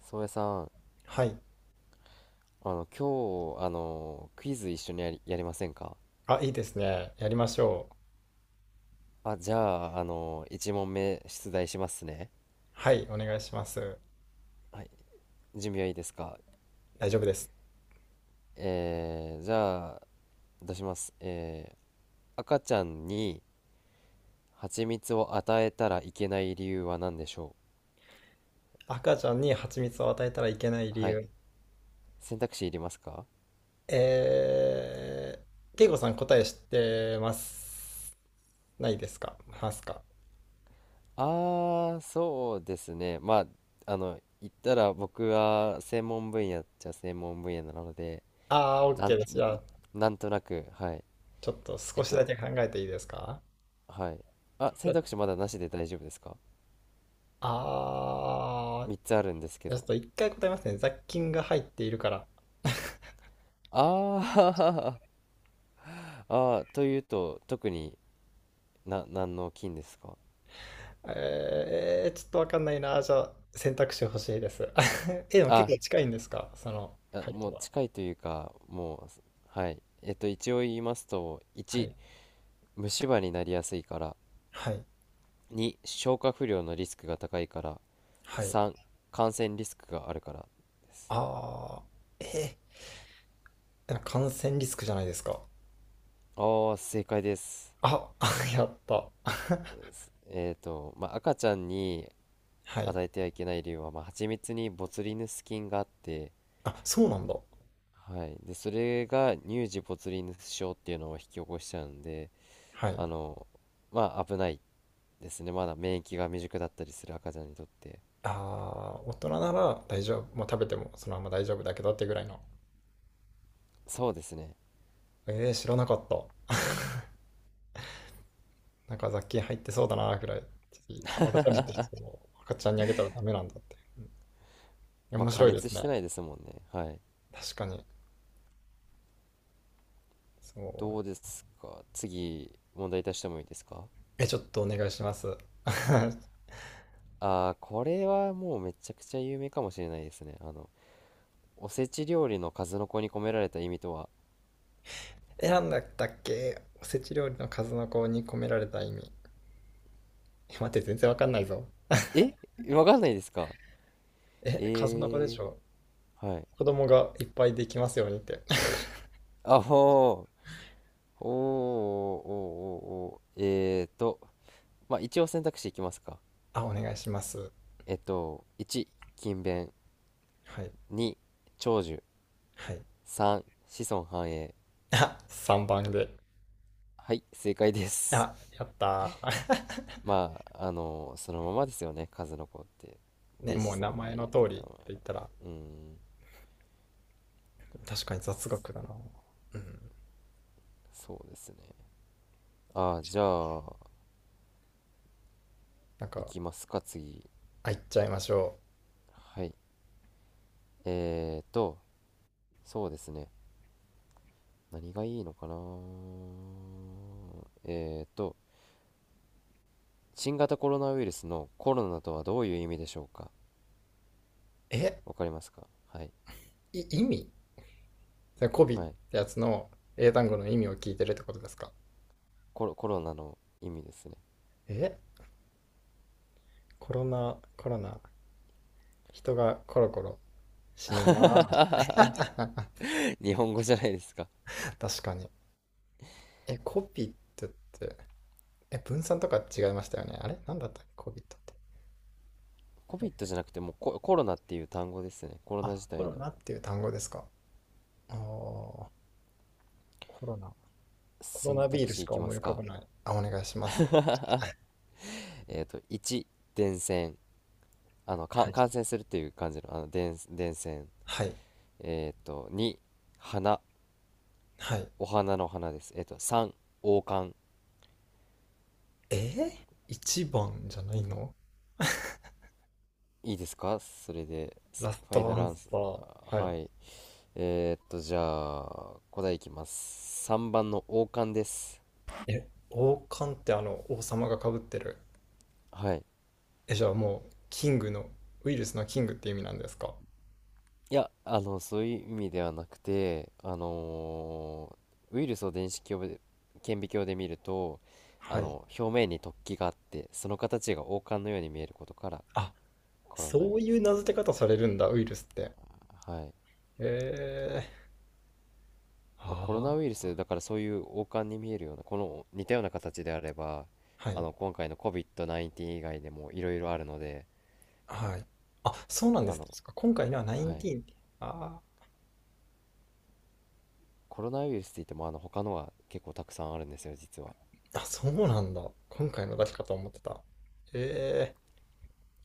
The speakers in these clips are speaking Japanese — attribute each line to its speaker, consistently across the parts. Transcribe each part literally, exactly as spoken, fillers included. Speaker 1: 宗谷さん、
Speaker 2: はい。
Speaker 1: あの、今日、あの、クイズ一緒にやり、やりませんか？
Speaker 2: あ、いいですね。やりましょう。
Speaker 1: あ、じゃあ、あの、いち問目出題しますね。
Speaker 2: はい、お願いします。
Speaker 1: はい、準備はいいですか？
Speaker 2: 大丈夫です。
Speaker 1: えー、じゃあ、出します。えー、赤ちゃんに蜂蜜を与えたらいけない理由は何でしょ
Speaker 2: 赤ちゃんに蜂蜜を与えたらいけない理
Speaker 1: う？はい、
Speaker 2: 由。
Speaker 1: 選択肢いりますか？
Speaker 2: えー、ケイコさん答え知ってます。ないですか？ますか？
Speaker 1: あー、そうですね。まあ、あの、言ったら僕は専門分野っちゃ専門分野なので、
Speaker 2: ああー、OK
Speaker 1: なん、
Speaker 2: です。じゃあ、
Speaker 1: なんとなく、はい。
Speaker 2: ちょっと
Speaker 1: え
Speaker 2: 少
Speaker 1: っ
Speaker 2: しだけ
Speaker 1: と、
Speaker 2: 考えていいですか？
Speaker 1: はい。あ、選択肢まだなしで大丈夫ですか？
Speaker 2: ああー、
Speaker 1: みっつ つあるんですけ
Speaker 2: ちょっ
Speaker 1: ど。
Speaker 2: と一回答えますね。雑菌が入っているから。
Speaker 1: あー あー、というと、特にな、何の菌ですか？
Speaker 2: えー、ちょっとわかんないな。じゃあ、選択肢欲しいです。え、でも結
Speaker 1: あ、
Speaker 2: 構近いんですかその
Speaker 1: あ
Speaker 2: 回
Speaker 1: も
Speaker 2: 答
Speaker 1: う
Speaker 2: は？
Speaker 1: 近いというか、もう、はい。えっと、一応言いますと、
Speaker 2: は
Speaker 1: いち、
Speaker 2: い。
Speaker 1: 虫歯になりやすいから、
Speaker 2: はい。
Speaker 1: に、消化不良のリスクが高いから、
Speaker 2: はい。
Speaker 1: さん、感染リスクがあるからです。
Speaker 2: ああ、えー、なんか感染リスクじゃないですか。
Speaker 1: あー、正解です。
Speaker 2: あ、あ やった。
Speaker 1: すえっと、まあ、赤ちゃんに
Speaker 2: はい。
Speaker 1: 与えてはいけない理由は、まあ、蜂蜜にボツリヌス菌があって、
Speaker 2: あ、そうなんだ。
Speaker 1: はい。で、それが乳児ボツリヌス症っていうのを引き起こしちゃうんで、
Speaker 2: はい。
Speaker 1: あの、まあ危ないですね。まだ免疫が未熟だったりする赤ちゃんにとって。
Speaker 2: ああ、大人なら大丈夫。まあ、食べてもそのまま大丈夫だけどってぐらいの。
Speaker 1: そうですね。
Speaker 2: えー、知らなかった。なんか雑菌入ってそうだなぐらい。ちょっと改めてその赤ちゃんにあげたらダメなんだって。うん、
Speaker 1: まあ
Speaker 2: 面
Speaker 1: 加
Speaker 2: 白いで
Speaker 1: 熱
Speaker 2: す
Speaker 1: し
Speaker 2: ね。
Speaker 1: てないですもんね。はい。
Speaker 2: 確かに。そ
Speaker 1: どうで
Speaker 2: う。
Speaker 1: すか？次、問題出してもいいですか？
Speaker 2: え、ちょっとお願いします。
Speaker 1: ああー、これはもうめちゃくちゃ有名かもしれないですね。あの、おせち料理の数の子に込められた意味とは、
Speaker 2: 選んだっけおせち料理の数の子に込められた意味。え待って、全然わかんないぞ。
Speaker 1: えわかんないですか？
Speaker 2: え、数の子でし
Speaker 1: え
Speaker 2: ょ。
Speaker 1: ー、はい。
Speaker 2: 子供がいっぱいできますようにって。
Speaker 1: あ、ほおーおーおーおーえーと、まあ、一応選択肢いきますか。
Speaker 2: あ、お願いします。
Speaker 1: えっと、いち、勤勉。
Speaker 2: はい。
Speaker 1: に、長寿。
Speaker 2: はい。
Speaker 1: さん、子孫繁栄。
Speaker 2: あ、さんばんで。
Speaker 1: はい、正解です。
Speaker 2: あ、やった ー。
Speaker 1: まあ、あの、そのままですよね、数の子って。
Speaker 2: ね、
Speaker 1: で、
Speaker 2: もう
Speaker 1: 子
Speaker 2: 名
Speaker 1: 孫繁
Speaker 2: 前
Speaker 1: 栄っ
Speaker 2: の
Speaker 1: て
Speaker 2: 通りっ
Speaker 1: の
Speaker 2: て
Speaker 1: は。
Speaker 2: 言ったら、
Speaker 1: うん、
Speaker 2: 確かに雑学だな。うん。
Speaker 1: そそうですね。ああ、じゃあ、
Speaker 2: なん
Speaker 1: い
Speaker 2: か、
Speaker 1: きますか、次。
Speaker 2: あ、いっちゃいましょ
Speaker 1: はい。えーと、そうですね。何がいいのかな？えーと、新型コロナウイルスのコロナとはどういう意味でしょうか？
Speaker 2: う。え、
Speaker 1: わかりますか？はい、
Speaker 2: い意味それ、コビっ
Speaker 1: はい。
Speaker 2: てやつの英単語の意味を聞いてるってことですか？
Speaker 1: コロコロナの意味ですね。
Speaker 2: え、コロナ、コロナ、人がコロコロ死ぬなー。
Speaker 1: 日本語じゃないですか？
Speaker 2: 確かに。え、コピットって、え、分散とか違いましたよね。あれなんだったっけコピットって。
Speaker 1: COVID じゃなくてもうココロナっていう単語ですね、コロナ
Speaker 2: あ、
Speaker 1: 自
Speaker 2: コ
Speaker 1: 体
Speaker 2: ロ
Speaker 1: の。
Speaker 2: ナっていう単語ですか。ああ、コロナ。コロ
Speaker 1: 選
Speaker 2: ナビー
Speaker 1: 択
Speaker 2: ルし
Speaker 1: 肢い
Speaker 2: か
Speaker 1: きま
Speaker 2: 思い
Speaker 1: す
Speaker 2: 浮か
Speaker 1: か？
Speaker 2: ばない。あ、お願いします。
Speaker 1: えっ、といち、伝染、あのか
Speaker 2: はい。
Speaker 1: 感染するっていう感じの、あの伝伝染。
Speaker 2: はい。
Speaker 1: えっ、とに、花。
Speaker 2: はい。
Speaker 1: お花の花です。えっ、とさん、王冠。
Speaker 2: えー、一番じゃないの？
Speaker 1: いいですかそれで？
Speaker 2: ラス
Speaker 1: ファイナ
Speaker 2: トア
Speaker 1: ル
Speaker 2: ン
Speaker 1: ア
Speaker 2: サ
Speaker 1: ンス、
Speaker 2: ー。は
Speaker 1: はい。えー、っと、じゃあ、答えいきます。さんばんの王冠です。
Speaker 2: い。え、王冠ってあの、王様が被ってる。
Speaker 1: はい。
Speaker 2: え、じゃあもう、キングの、ウイルスのキングって意味なんですか？
Speaker 1: いや、あの、そういう意味ではなくて、あのーウイルスを電子鏡で、顕微鏡で見ると、あ
Speaker 2: はい。
Speaker 1: の、表面に突起があって、その形が王冠のように見えることから、
Speaker 2: あ、
Speaker 1: コロナウイ
Speaker 2: そ
Speaker 1: ル
Speaker 2: うい
Speaker 1: スっ
Speaker 2: う
Speaker 1: てい
Speaker 2: 名
Speaker 1: う。
Speaker 2: 付け方されるんだ、ウイルスって。
Speaker 1: はい。
Speaker 2: へえ。
Speaker 1: まあ、
Speaker 2: あ
Speaker 1: コロナウイル
Speaker 2: あ、
Speaker 1: ス、だからそういう王冠に見えるような、この似たような形であれば、
Speaker 2: は
Speaker 1: あ
Speaker 2: い、
Speaker 1: の、今回の コービッドじゅうきゅう 以外でもいろいろあるので、
Speaker 2: はい。あ、そうなんで
Speaker 1: あ
Speaker 2: すね。
Speaker 1: の、
Speaker 2: そっか今回のは
Speaker 1: はい。
Speaker 2: じゅうきゅうって。あ
Speaker 1: コロナウイルスって言ってもあの他のは結構たくさんあるんですよ、実は。
Speaker 2: あ、あ、そうなんだ。今回の
Speaker 1: は
Speaker 2: だ
Speaker 1: い、
Speaker 2: けかと思ってた。ええ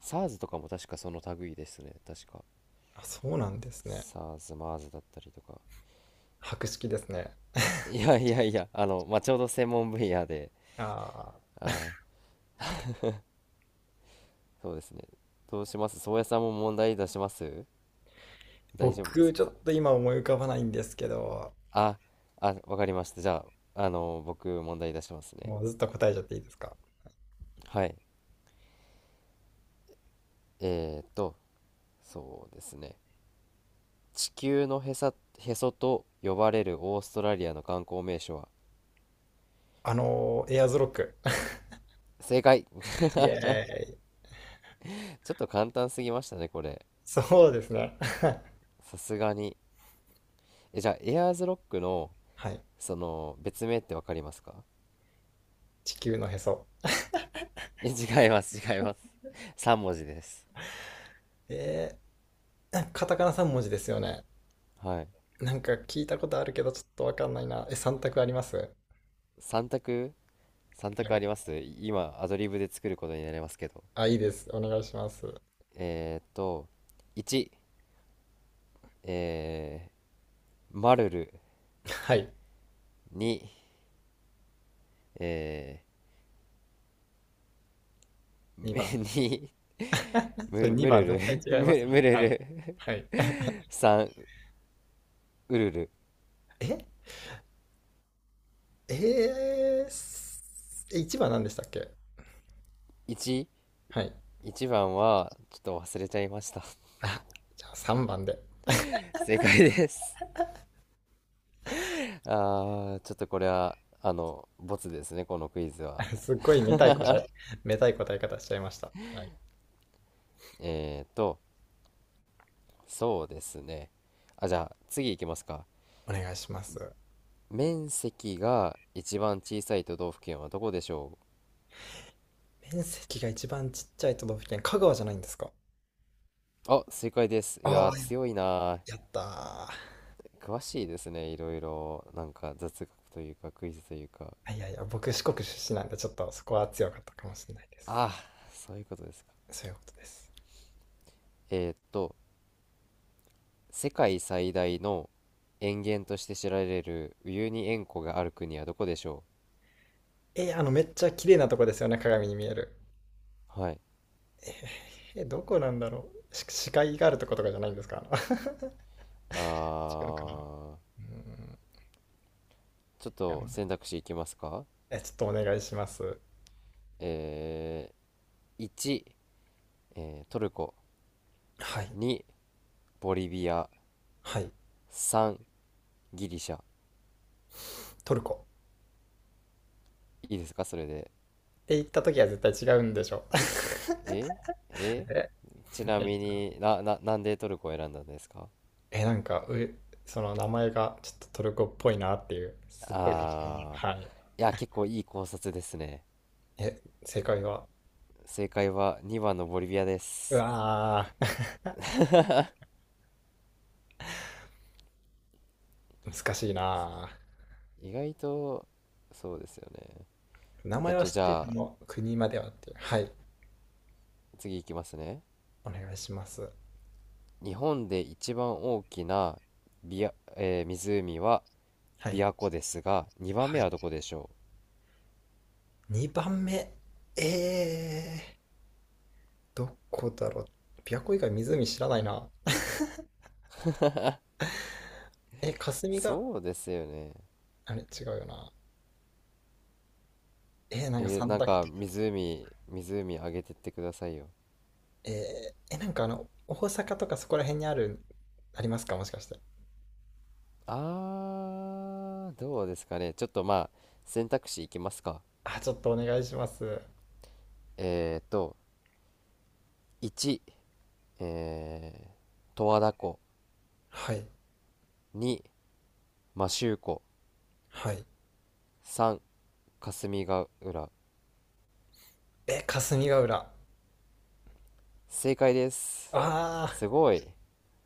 Speaker 1: SARS とかも確かその類ですね、確か、
Speaker 2: あ、そうなんですね。
Speaker 1: SARS、マーズ だったりとか。
Speaker 2: 博識ですね。
Speaker 1: いやいやいや、あの、まあ、ちょうど専門分野で。
Speaker 2: ああ、
Speaker 1: あー、そうですね。どうします？宗谷さんも問題出します？大丈夫で
Speaker 2: 僕、
Speaker 1: す
Speaker 2: ちょ
Speaker 1: か？
Speaker 2: っと今思い浮かばないんですけど、
Speaker 1: ああ、わかりました。じゃあ、あの僕問題出しますね。
Speaker 2: もうずっと答えちゃっていいですか？
Speaker 1: はい。えーっとそうですね。地球のへさへそと呼ばれるオーストラリアの観光名所は？
Speaker 2: あのーエアーズロック。
Speaker 1: 正解。
Speaker 2: イエーイ。
Speaker 1: ちょっと簡単すぎましたね、これ。
Speaker 2: そうですね。
Speaker 1: さすがに。え、じゃあ、エアーズロックの、
Speaker 2: はい。
Speaker 1: その、別名ってわかりますか？
Speaker 2: 地球のへそ。
Speaker 1: え、違います、違います。さん文字です。
Speaker 2: えー、カタカナさん文字ですよね。
Speaker 1: はい。
Speaker 2: なんか聞いたことあるけど、ちょっとわかんないな。え、さん択あります？
Speaker 1: さん択？ さん 択あります、今アドリブで作ることになりますけど。
Speaker 2: あ、いいです。お願いします。
Speaker 1: えーっと、いち、えー、マルル。
Speaker 2: はい。
Speaker 1: に、え
Speaker 2: にばん。
Speaker 1: ー、
Speaker 2: そ
Speaker 1: む にム
Speaker 2: れ
Speaker 1: ル、ム
Speaker 2: にばん
Speaker 1: ル
Speaker 2: 絶
Speaker 1: ル
Speaker 2: 対違い
Speaker 1: ム
Speaker 2: ます
Speaker 1: ル、
Speaker 2: ね。
Speaker 1: ムル
Speaker 2: はい。
Speaker 1: ル
Speaker 2: はい。
Speaker 1: さん、ウルル。
Speaker 2: ええー、すえいちばん何でしたっけ？
Speaker 1: いち、
Speaker 2: はい。
Speaker 1: いちばんは、ちょっと忘れちゃいました。
Speaker 2: あ、じゃあさんばんで。
Speaker 1: 正解です。あー、ちょっとこれは、あの、ボツですね、このクイズは。
Speaker 2: すっごいめたい答え、めたい答え方しちゃいました。はい。
Speaker 1: えーと、そうですね。あ、じゃあ、次いきますか。
Speaker 2: お願いします。
Speaker 1: 面積が一番小さい都道府県はどこでしょ
Speaker 2: 面積が一番ちっちゃい都道府県、香川じゃないんですか？
Speaker 1: う？あ、正解です。い
Speaker 2: あ
Speaker 1: や
Speaker 2: あ
Speaker 1: ー、
Speaker 2: ー、
Speaker 1: 強いなー。
Speaker 2: やったー
Speaker 1: 詳しいですね、いろいろ。なんか、雑学というか、クイズというか。
Speaker 2: あいやいや、僕四国出身なんで、ちょっとそこは強かったかもしれないです。
Speaker 1: あー、そういうことですか。
Speaker 2: そういうことです。
Speaker 1: えーと、世界最大の塩原として知られるウユニ塩湖がある国はどこでしょ
Speaker 2: えー、あの、めっちゃ綺麗なとこですよね、鏡に見える。
Speaker 1: う？はい。
Speaker 2: えー、えーどこなんだろう。し視界があるとことかじゃないんですかあの 違
Speaker 1: あ
Speaker 2: うかな。
Speaker 1: ー。
Speaker 2: うーん。い
Speaker 1: ちょっ
Speaker 2: や
Speaker 1: と選択肢いきますか？
Speaker 2: えちょっとお願いします。
Speaker 1: えー、いち、えートルコ。
Speaker 2: はい。
Speaker 1: に、ボリビア。
Speaker 2: はい。
Speaker 1: さん、ギリシャ。
Speaker 2: トルコ。
Speaker 1: いいですかそれで？
Speaker 2: って言った時は絶対違うんでしょ。
Speaker 1: ええ
Speaker 2: え
Speaker 1: ちなみにな、な、なんでトルコを選んだんですか？
Speaker 2: え、なんか、う、その名前がちょっとトルコっぽいなっていう、すっごい適当な。
Speaker 1: あ
Speaker 2: はい。
Speaker 1: ー、いや、結構いい考察ですね。
Speaker 2: え、正解は？
Speaker 1: 正解はにばんのボリビアで
Speaker 2: う
Speaker 1: す。
Speaker 2: わー 難しいな
Speaker 1: 意外と、そうですよね。
Speaker 2: ー名
Speaker 1: え
Speaker 2: 前
Speaker 1: っ
Speaker 2: は
Speaker 1: と
Speaker 2: 知
Speaker 1: じ
Speaker 2: って
Speaker 1: ゃ
Speaker 2: る
Speaker 1: あ、
Speaker 2: の国まではっていうはい
Speaker 1: 次いきますね。
Speaker 2: お願いします
Speaker 1: 日本で一番大きなビア、えー湖は
Speaker 2: はい
Speaker 1: 琵琶湖ですが、2番
Speaker 2: は
Speaker 1: 目はど
Speaker 2: い。
Speaker 1: こでしょう？
Speaker 2: にばんめえー、どこだろう琵琶湖以外湖知らないなえ霞が
Speaker 1: そうですよね。
Speaker 2: あれ違うよなえー、なんか
Speaker 1: えー
Speaker 2: 三
Speaker 1: なん
Speaker 2: 択
Speaker 1: か湖、湖あげてってくださいよ。
Speaker 2: えー、えなんかあの大阪とかそこら辺にあるありますかもしかして
Speaker 1: あー、どうですかね。ちょっと、まあ、選択肢いきますか。
Speaker 2: あちょっとお願いします
Speaker 1: えーと、いち、えー、十和田湖。
Speaker 2: はい
Speaker 1: に、摩周湖。
Speaker 2: はい
Speaker 1: さん、霞ヶ浦。
Speaker 2: え霞ヶ浦あ
Speaker 1: 正解で
Speaker 2: あ
Speaker 1: す。
Speaker 2: ー
Speaker 1: すごい。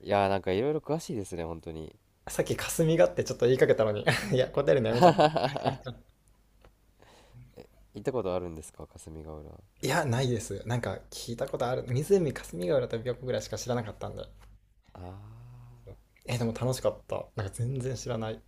Speaker 1: いやー、なんかいろいろ詳しいですね、本当に。
Speaker 2: さっき霞がってちょっと言いかけたのに いや、答えるのやめちゃった。
Speaker 1: 行ったことあるんですか、霞ヶ浦？
Speaker 2: いや、ないです。なんか聞いたことある。湖霞ヶ浦と琵琶湖ぐらいしか知らなかったんで。
Speaker 1: あ
Speaker 2: え、でも楽しかった。なんか全然知らない。